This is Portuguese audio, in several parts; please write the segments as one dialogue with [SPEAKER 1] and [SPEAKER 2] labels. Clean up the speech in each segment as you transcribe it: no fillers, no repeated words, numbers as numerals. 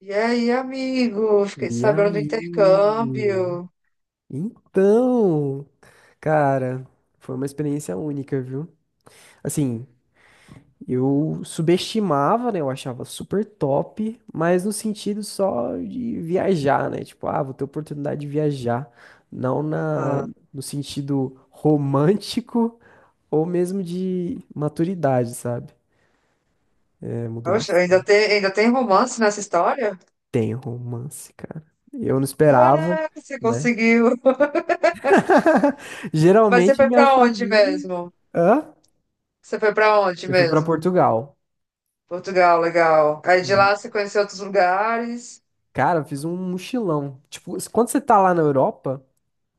[SPEAKER 1] E aí, amigo? Fiquei
[SPEAKER 2] E
[SPEAKER 1] sabendo do
[SPEAKER 2] aí?
[SPEAKER 1] intercâmbio.
[SPEAKER 2] Então, cara, foi uma experiência única, viu? Assim, eu subestimava, né? Eu achava super top, mas no sentido só de viajar, né? Tipo, ah, vou ter oportunidade de viajar. Não na,
[SPEAKER 1] Aham.
[SPEAKER 2] no sentido romântico ou mesmo de maturidade, sabe? Mudou
[SPEAKER 1] Poxa, ainda
[SPEAKER 2] bastante.
[SPEAKER 1] tem, ainda tem romance nessa história?
[SPEAKER 2] Tem romance, cara. Eu não esperava,
[SPEAKER 1] Caraca, você
[SPEAKER 2] né?
[SPEAKER 1] conseguiu. Mas você
[SPEAKER 2] Geralmente
[SPEAKER 1] foi
[SPEAKER 2] minha
[SPEAKER 1] pra onde
[SPEAKER 2] família.
[SPEAKER 1] mesmo?
[SPEAKER 2] Hã?
[SPEAKER 1] Você foi pra onde
[SPEAKER 2] Eu fui pra
[SPEAKER 1] mesmo?
[SPEAKER 2] Portugal.
[SPEAKER 1] Portugal, legal. Aí de
[SPEAKER 2] E,
[SPEAKER 1] lá você conheceu outros lugares.
[SPEAKER 2] cara, eu fiz um mochilão. Tipo, quando você tá lá na Europa,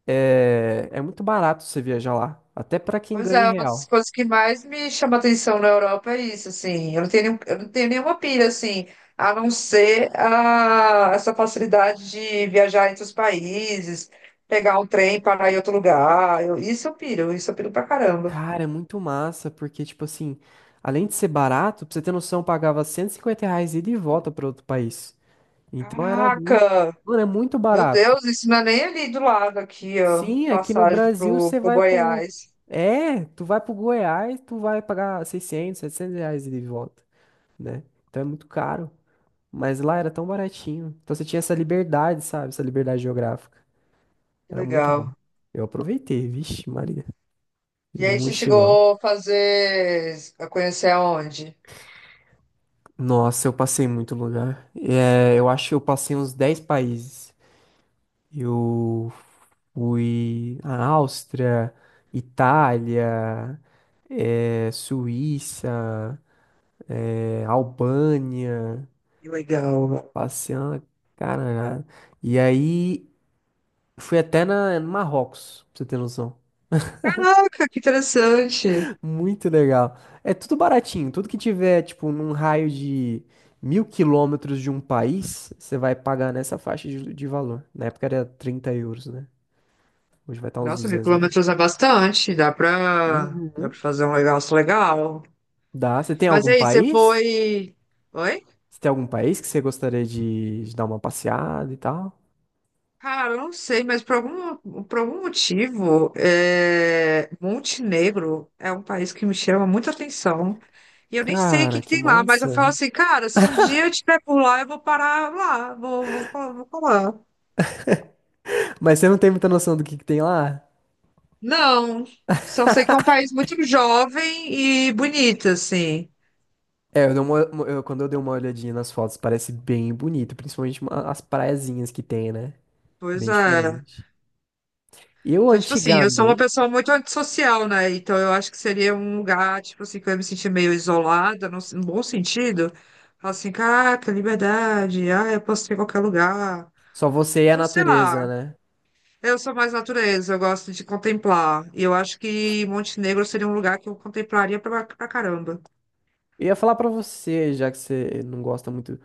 [SPEAKER 2] é muito barato você viajar lá. Até pra quem
[SPEAKER 1] Pois é,
[SPEAKER 2] ganha em
[SPEAKER 1] uma das
[SPEAKER 2] real.
[SPEAKER 1] coisas que mais me chama atenção na Europa é isso, assim. Eu não tenho nenhuma pira assim, a não ser essa facilidade de viajar entre os países, pegar um trem, parar em outro lugar. Isso eu piro, isso eu piro pra caramba.
[SPEAKER 2] Cara, é muito massa, porque, tipo assim, além de ser barato, pra você ter noção, eu pagava R$ 150 ida e volta pra outro país. Então era muito.
[SPEAKER 1] Caraca!
[SPEAKER 2] Mano, é muito
[SPEAKER 1] Meu
[SPEAKER 2] barato.
[SPEAKER 1] Deus, isso não é nem ali do lado aqui, ó.
[SPEAKER 2] Sim, aqui no
[SPEAKER 1] Passagem
[SPEAKER 2] Brasil você
[SPEAKER 1] pro
[SPEAKER 2] vai pro.
[SPEAKER 1] Goiás.
[SPEAKER 2] É, tu vai pro Goiás, tu vai pagar 600, R$ 700 ida e volta, né? Então é muito caro. Mas lá era tão baratinho. Então você tinha essa liberdade, sabe? Essa liberdade geográfica.
[SPEAKER 1] Que
[SPEAKER 2] Era muito bom.
[SPEAKER 1] legal.
[SPEAKER 2] Eu aproveitei, vixe, Maria.
[SPEAKER 1] E
[SPEAKER 2] Fiz um
[SPEAKER 1] aí você
[SPEAKER 2] mochilão.
[SPEAKER 1] chegou a conhecer aonde?
[SPEAKER 2] Nossa, eu passei muito lugar. Eu acho que eu passei uns 10 países. Eu fui à Áustria, Itália, Suíça, Albânia,
[SPEAKER 1] Que legal.
[SPEAKER 2] passei uma caralhada. E aí fui até no Marrocos, pra você ter noção.
[SPEAKER 1] Caraca, que interessante.
[SPEAKER 2] Muito legal. É tudo baratinho. Tudo que tiver, tipo, num raio de 1.000 quilômetros de um país, você vai pagar nessa faixa de valor. Na época era 30 euros, né? Hoje vai estar uns
[SPEAKER 1] Nossa, mil
[SPEAKER 2] R$ 200.
[SPEAKER 1] quilômetros é bastante. Dá
[SPEAKER 2] Uhum.
[SPEAKER 1] pra fazer um negócio legal.
[SPEAKER 2] Dá. Você tem
[SPEAKER 1] Mas
[SPEAKER 2] algum
[SPEAKER 1] aí, você
[SPEAKER 2] país?
[SPEAKER 1] foi. Oi?
[SPEAKER 2] Você tem algum país que você gostaria de dar uma passeada e tal?
[SPEAKER 1] Cara, eu não sei, mas por algum motivo, Montenegro é um país que me chama muita atenção. E eu nem sei o que
[SPEAKER 2] Cara,
[SPEAKER 1] que
[SPEAKER 2] que
[SPEAKER 1] tem lá, mas eu
[SPEAKER 2] massa.
[SPEAKER 1] falo assim, cara, se um dia eu estiver por lá, eu vou parar lá, vou colar.
[SPEAKER 2] Mas você não tem muita noção do que tem lá?
[SPEAKER 1] Não, só sei que é um país muito jovem e bonito, assim.
[SPEAKER 2] É, eu dei uma- eu- Quando eu dei uma olhadinha nas fotos, parece bem bonito, principalmente as praiazinhas que tem, né?
[SPEAKER 1] Pois
[SPEAKER 2] Bem
[SPEAKER 1] é.
[SPEAKER 2] diferente. Eu
[SPEAKER 1] Então, tipo assim, eu sou uma
[SPEAKER 2] antigamente,
[SPEAKER 1] pessoa muito antissocial, né? Então, eu acho que seria um lugar, tipo assim, que eu ia me sentir meio isolada, no bom sentido. Falar assim, caraca, liberdade, ah, eu posso ir em qualquer lugar.
[SPEAKER 2] só você e a
[SPEAKER 1] Então, sei lá,
[SPEAKER 2] natureza, né?
[SPEAKER 1] eu sou mais natureza, eu gosto de contemplar. E eu acho que Montenegro seria um lugar que eu contemplaria pra caramba.
[SPEAKER 2] Eu ia falar pra você, já que você não gosta muito,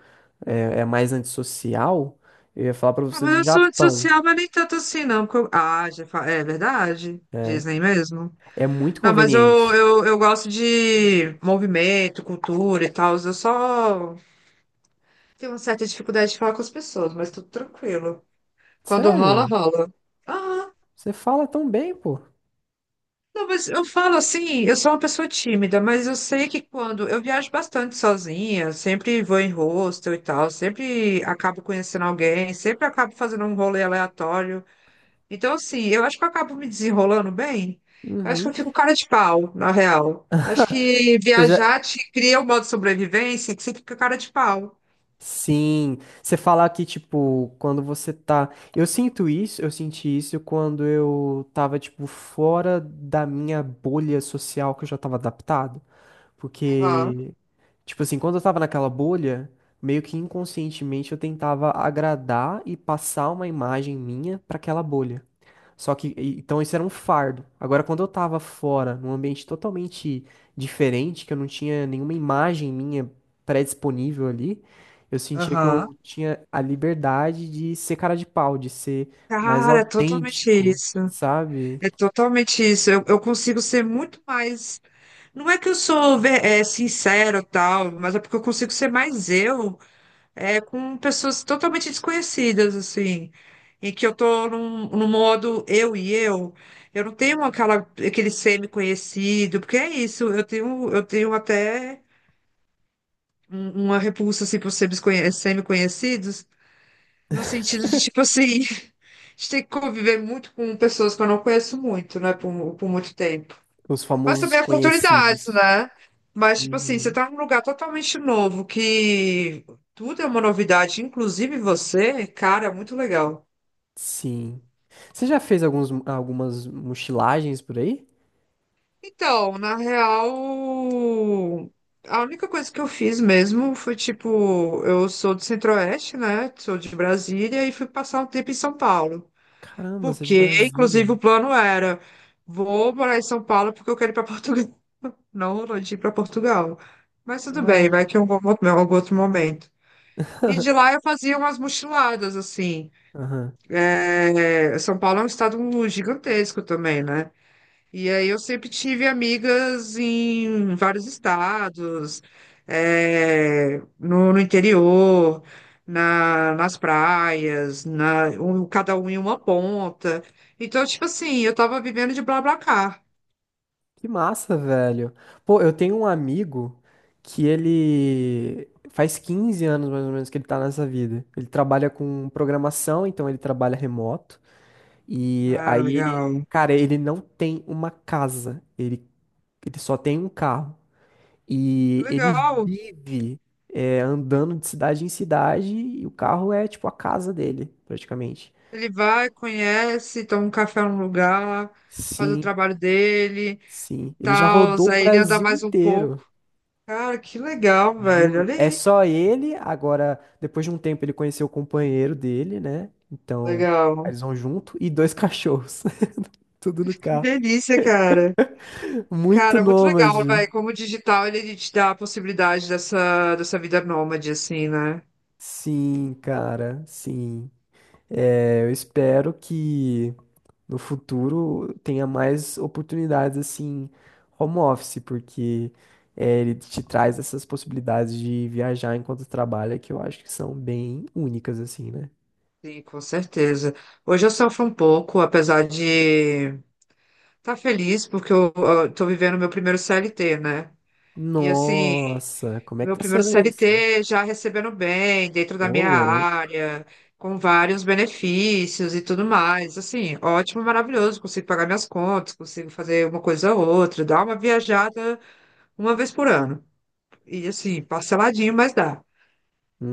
[SPEAKER 2] é mais antissocial, eu ia falar pra
[SPEAKER 1] Ah,
[SPEAKER 2] você do
[SPEAKER 1] mas eu sou
[SPEAKER 2] Japão.
[SPEAKER 1] antissocial, mas nem tanto assim, não. porque eu- Ah, já fa- É verdade. Disney mesmo.
[SPEAKER 2] É muito
[SPEAKER 1] Não, mas
[SPEAKER 2] conveniente.
[SPEAKER 1] eu gosto de movimento, cultura e tal. Eu só tenho uma certa dificuldade de falar com as pessoas, mas tudo tranquilo. Quando rola,
[SPEAKER 2] Sério?
[SPEAKER 1] rola. Ah,
[SPEAKER 2] Você fala tão bem, pô.
[SPEAKER 1] não, mas eu falo assim, eu sou uma pessoa tímida, mas eu sei que quando eu viajo bastante sozinha, sempre vou em hostel e tal, sempre acabo conhecendo alguém, sempre acabo fazendo um rolê aleatório. Então, assim, eu acho que eu acabo me desenrolando bem. Eu acho que
[SPEAKER 2] Uhum.
[SPEAKER 1] eu fico cara de pau, na real. Eu acho que
[SPEAKER 2] Você já...
[SPEAKER 1] viajar te cria um modo de sobrevivência que você fica cara de pau.
[SPEAKER 2] Sim, você fala que, tipo, quando você tá. Eu sinto isso, eu senti isso quando eu tava, tipo, fora da minha bolha social que eu já tava adaptado.
[SPEAKER 1] Aham.
[SPEAKER 2] Porque, tipo assim, quando eu tava naquela bolha, meio que inconscientemente eu tentava agradar e passar uma imagem minha pra aquela bolha. Então isso era um fardo. Agora, quando eu tava fora, num ambiente totalmente diferente, que eu não tinha nenhuma imagem minha pré-disponível ali, eu sentia que
[SPEAKER 1] Aham.
[SPEAKER 2] eu tinha a liberdade de ser cara de pau, de ser mais
[SPEAKER 1] Cara, totalmente
[SPEAKER 2] autêntico,
[SPEAKER 1] isso.
[SPEAKER 2] sabe?
[SPEAKER 1] É totalmente isso. Eu consigo ser muito mais. Não é que eu sou sincera ou tal, mas é porque eu consigo ser mais eu, com pessoas totalmente desconhecidas, assim. Em que eu tô num modo eu e eu. Eu não tenho aquele semi-conhecido, porque é isso. Eu tenho até uma repulsa assim, por semi-conhecidos, no sentido de, tipo assim, a gente tem que conviver muito com pessoas que eu não conheço muito, né, por muito tempo.
[SPEAKER 2] Os
[SPEAKER 1] Mas
[SPEAKER 2] famosos
[SPEAKER 1] também oportunidades,
[SPEAKER 2] conhecidos.
[SPEAKER 1] né? Mas, tipo assim, você
[SPEAKER 2] Uhum.
[SPEAKER 1] tá num lugar totalmente novo, que tudo é uma novidade, inclusive você, cara, é muito legal.
[SPEAKER 2] Sim. Você já fez algumas mochilagens por aí?
[SPEAKER 1] Então, na real, a única coisa que eu fiz mesmo foi, tipo, eu sou do Centro-Oeste, né? Sou de Brasília e fui passar um tempo em São Paulo.
[SPEAKER 2] Caramba, você é de
[SPEAKER 1] Porque, inclusive, o
[SPEAKER 2] Brasília.
[SPEAKER 1] plano era, vou morar em São Paulo porque eu quero ir para Portugal. Não, não de ir para Portugal. Mas tudo bem,
[SPEAKER 2] Ué.
[SPEAKER 1] vai que é um algum outro momento. E de lá eu fazia umas mochiladas, assim.
[SPEAKER 2] Aham.
[SPEAKER 1] É, São Paulo é um estado gigantesco também, né? E aí eu sempre tive amigas em vários estados, no interior, nas praias, cada um em uma ponta. Então, tipo assim, eu tava vivendo de BlaBlaCar.
[SPEAKER 2] Que massa, velho. Pô, eu tenho um amigo que ele faz 15 anos mais ou menos que ele tá nessa vida. Ele trabalha com programação, então ele trabalha remoto. E
[SPEAKER 1] Cara,
[SPEAKER 2] aí ele,
[SPEAKER 1] legal.
[SPEAKER 2] cara, ele não tem uma casa. Ele só tem um carro. E ele
[SPEAKER 1] Legal.
[SPEAKER 2] vive andando de cidade em cidade e o carro é tipo a casa dele, praticamente.
[SPEAKER 1] Ele vai, conhece, toma um café num lugar, faz o
[SPEAKER 2] Sim,
[SPEAKER 1] trabalho dele e
[SPEAKER 2] sim. Ele já
[SPEAKER 1] tal.
[SPEAKER 2] rodou o
[SPEAKER 1] Aí ele anda
[SPEAKER 2] Brasil
[SPEAKER 1] mais um
[SPEAKER 2] inteiro,
[SPEAKER 1] pouco. Cara, que legal, velho.
[SPEAKER 2] juro.
[SPEAKER 1] Olha
[SPEAKER 2] É
[SPEAKER 1] aí.
[SPEAKER 2] só ele, agora, depois de um tempo, ele conheceu o companheiro dele, né? Então, aí
[SPEAKER 1] Legal.
[SPEAKER 2] eles vão junto e dois cachorros. Tudo no
[SPEAKER 1] Que
[SPEAKER 2] carro.
[SPEAKER 1] delícia, cara.
[SPEAKER 2] Muito
[SPEAKER 1] Cara, muito legal,
[SPEAKER 2] nômade.
[SPEAKER 1] velho. Como o digital, ele te dá a possibilidade dessa vida nômade, assim, né?
[SPEAKER 2] Sim, cara, sim. É, eu espero que. No futuro tenha mais oportunidades assim, home office, porque ele te traz essas possibilidades de viajar enquanto trabalha que eu acho que são bem únicas, assim, né?
[SPEAKER 1] Sim, com certeza. Hoje eu sofro um pouco, apesar de estar tá feliz, porque eu tô vivendo meu primeiro CLT, né? E assim.
[SPEAKER 2] Nossa, como é que
[SPEAKER 1] Meu
[SPEAKER 2] tá
[SPEAKER 1] primeiro
[SPEAKER 2] sendo isso?
[SPEAKER 1] CLT já recebendo bem, dentro da
[SPEAKER 2] Ô,
[SPEAKER 1] minha
[SPEAKER 2] louco.
[SPEAKER 1] área, com vários benefícios e tudo mais. Assim, ótimo, maravilhoso. Consigo pagar minhas contas, consigo fazer uma coisa ou outra, dar uma viajada uma vez por ano. E assim, parceladinho, mas dá.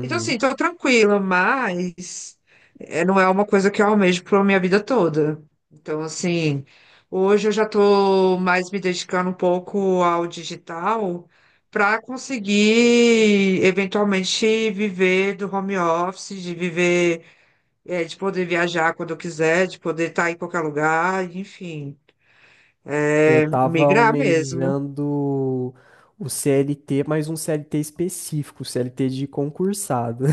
[SPEAKER 1] Então, assim, tô tranquila, mas não é uma coisa que eu almejo pra minha vida toda. Então, assim, hoje eu já tô mais me dedicando um pouco ao digital para conseguir eventualmente viver do home office, de viver, de poder viajar quando eu quiser, de poder estar em qualquer lugar, enfim,
[SPEAKER 2] Eu tava
[SPEAKER 1] migrar mesmo.
[SPEAKER 2] almejando o CLT, mas um CLT específico, CLT de concursado.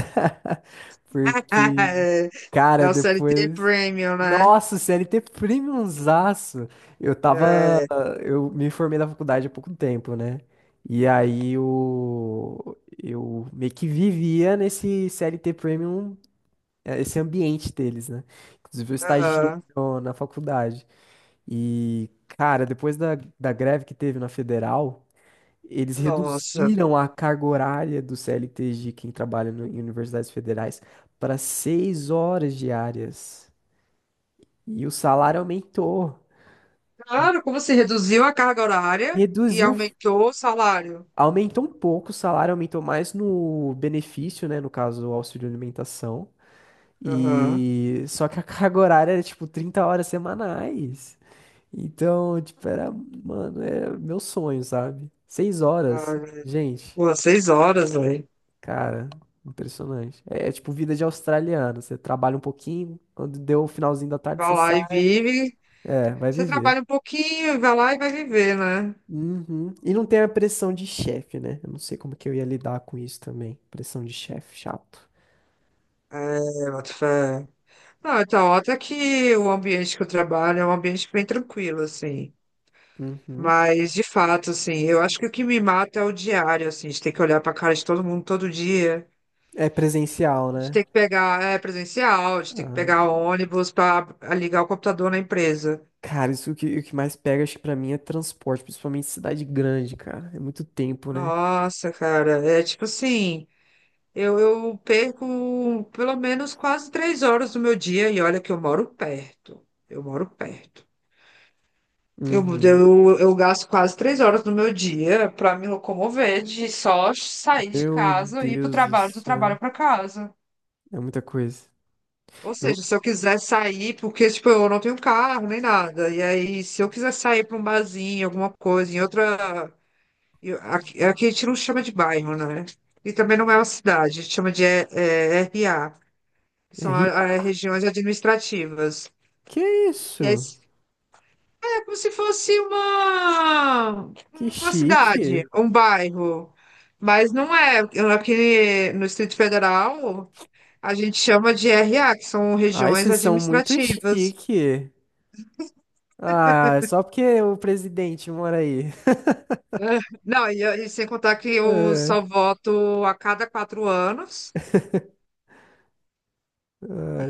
[SPEAKER 2] Porque,
[SPEAKER 1] É,
[SPEAKER 2] cara,
[SPEAKER 1] o CLT
[SPEAKER 2] depois.
[SPEAKER 1] Premium, né?
[SPEAKER 2] Nossa, CLT premiumzaço! Eu tava.
[SPEAKER 1] É,
[SPEAKER 2] Eu me formei na faculdade há pouco tempo, né? E aí eu meio que vivia nesse CLT Premium, esse ambiente deles, né? Inclusive eu estagiei
[SPEAKER 1] aham.
[SPEAKER 2] no- na faculdade. E, cara, depois da greve que teve na federal, eles
[SPEAKER 1] Nossa.
[SPEAKER 2] reduziram a carga horária do CLT de quem trabalha em universidades federais para 6 horas diárias. E o salário aumentou.
[SPEAKER 1] Claro, como você reduziu a carga horária e
[SPEAKER 2] Reduziu,
[SPEAKER 1] aumentou o salário.
[SPEAKER 2] aumentou um pouco, o salário aumentou mais no benefício, né? No caso, o auxílio alimentação.
[SPEAKER 1] Aham.
[SPEAKER 2] E só que a carga horária era tipo 30 horas semanais. Então, tipo, era, mano, é meu sonho, sabe? 6 horas,
[SPEAKER 1] Uhum.
[SPEAKER 2] gente,
[SPEAKER 1] Pô, 6 horas, velho.
[SPEAKER 2] cara, impressionante. É tipo vida de australiano. Você trabalha um pouquinho, quando deu o finalzinho da tarde,
[SPEAKER 1] Vai
[SPEAKER 2] você
[SPEAKER 1] lá e
[SPEAKER 2] sai.
[SPEAKER 1] vive.
[SPEAKER 2] É, vai
[SPEAKER 1] Você
[SPEAKER 2] viver.
[SPEAKER 1] trabalha um pouquinho, vai lá e vai viver, né?
[SPEAKER 2] Uhum. E não tem a pressão de chefe, né? Eu não sei como que eu ia lidar com isso também. Pressão de chefe, chato.
[SPEAKER 1] É, boto fé. Não, então, até que o ambiente que eu trabalho é um ambiente bem tranquilo, assim.
[SPEAKER 2] Uhum.
[SPEAKER 1] Mas, de fato, assim, eu acho que o que me mata é o diário, assim, de ter que olhar pra cara de todo mundo todo dia.
[SPEAKER 2] É presencial,
[SPEAKER 1] De
[SPEAKER 2] né?
[SPEAKER 1] ter que pegar, é, Presencial, de ter que
[SPEAKER 2] Ah,
[SPEAKER 1] pegar ônibus pra ligar o computador na empresa.
[SPEAKER 2] cara, isso que, o que mais pega, acho que pra mim é transporte, principalmente cidade grande, cara. É muito tempo, né?
[SPEAKER 1] Nossa, cara, é tipo assim, eu perco pelo menos quase 3 horas do meu dia e olha que eu moro perto, eu moro perto. Eu,
[SPEAKER 2] Uhum.
[SPEAKER 1] eu, eu gasto quase 3 horas do meu dia para me locomover de só sair de
[SPEAKER 2] Meu
[SPEAKER 1] casa e ir pro
[SPEAKER 2] Deus do
[SPEAKER 1] trabalho, do trabalho
[SPEAKER 2] céu.
[SPEAKER 1] para casa.
[SPEAKER 2] É muita coisa.
[SPEAKER 1] Ou seja,
[SPEAKER 2] Eu...
[SPEAKER 1] se eu quiser sair, porque tipo, eu não tenho carro nem nada, e aí se eu quiser sair para um barzinho, alguma coisa, em outra. E aqui, aqui a gente não chama de bairro, né? E também não é uma cidade, a gente chama de RA, que
[SPEAKER 2] É
[SPEAKER 1] são
[SPEAKER 2] ri...
[SPEAKER 1] regiões administrativas.
[SPEAKER 2] Que
[SPEAKER 1] E aí
[SPEAKER 2] isso?
[SPEAKER 1] é como se fosse
[SPEAKER 2] Que
[SPEAKER 1] uma
[SPEAKER 2] chique.
[SPEAKER 1] cidade, um bairro, mas não é. Aqui no Distrito Federal, a gente chama de R A, que são
[SPEAKER 2] Ai,
[SPEAKER 1] regiões
[SPEAKER 2] vocês são muito
[SPEAKER 1] administrativas.
[SPEAKER 2] chique. Ah, é só porque o presidente mora aí.
[SPEAKER 1] É. Não, e sem contar que eu
[SPEAKER 2] É,
[SPEAKER 1] só voto a cada 4 anos.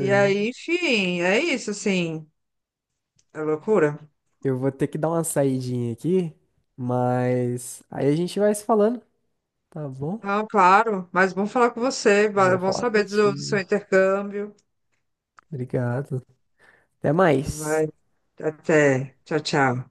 [SPEAKER 1] E aí, enfim, é isso, assim, é loucura.
[SPEAKER 2] Eu vou ter que dar uma saidinha aqui, mas aí a gente vai se falando, tá bom?
[SPEAKER 1] Não, claro, mas bom falar com você,
[SPEAKER 2] Bom
[SPEAKER 1] bom
[SPEAKER 2] falar
[SPEAKER 1] saber do seu
[SPEAKER 2] contigo.
[SPEAKER 1] intercâmbio.
[SPEAKER 2] Obrigado. Até mais.
[SPEAKER 1] Vai. Até. Tchau, tchau.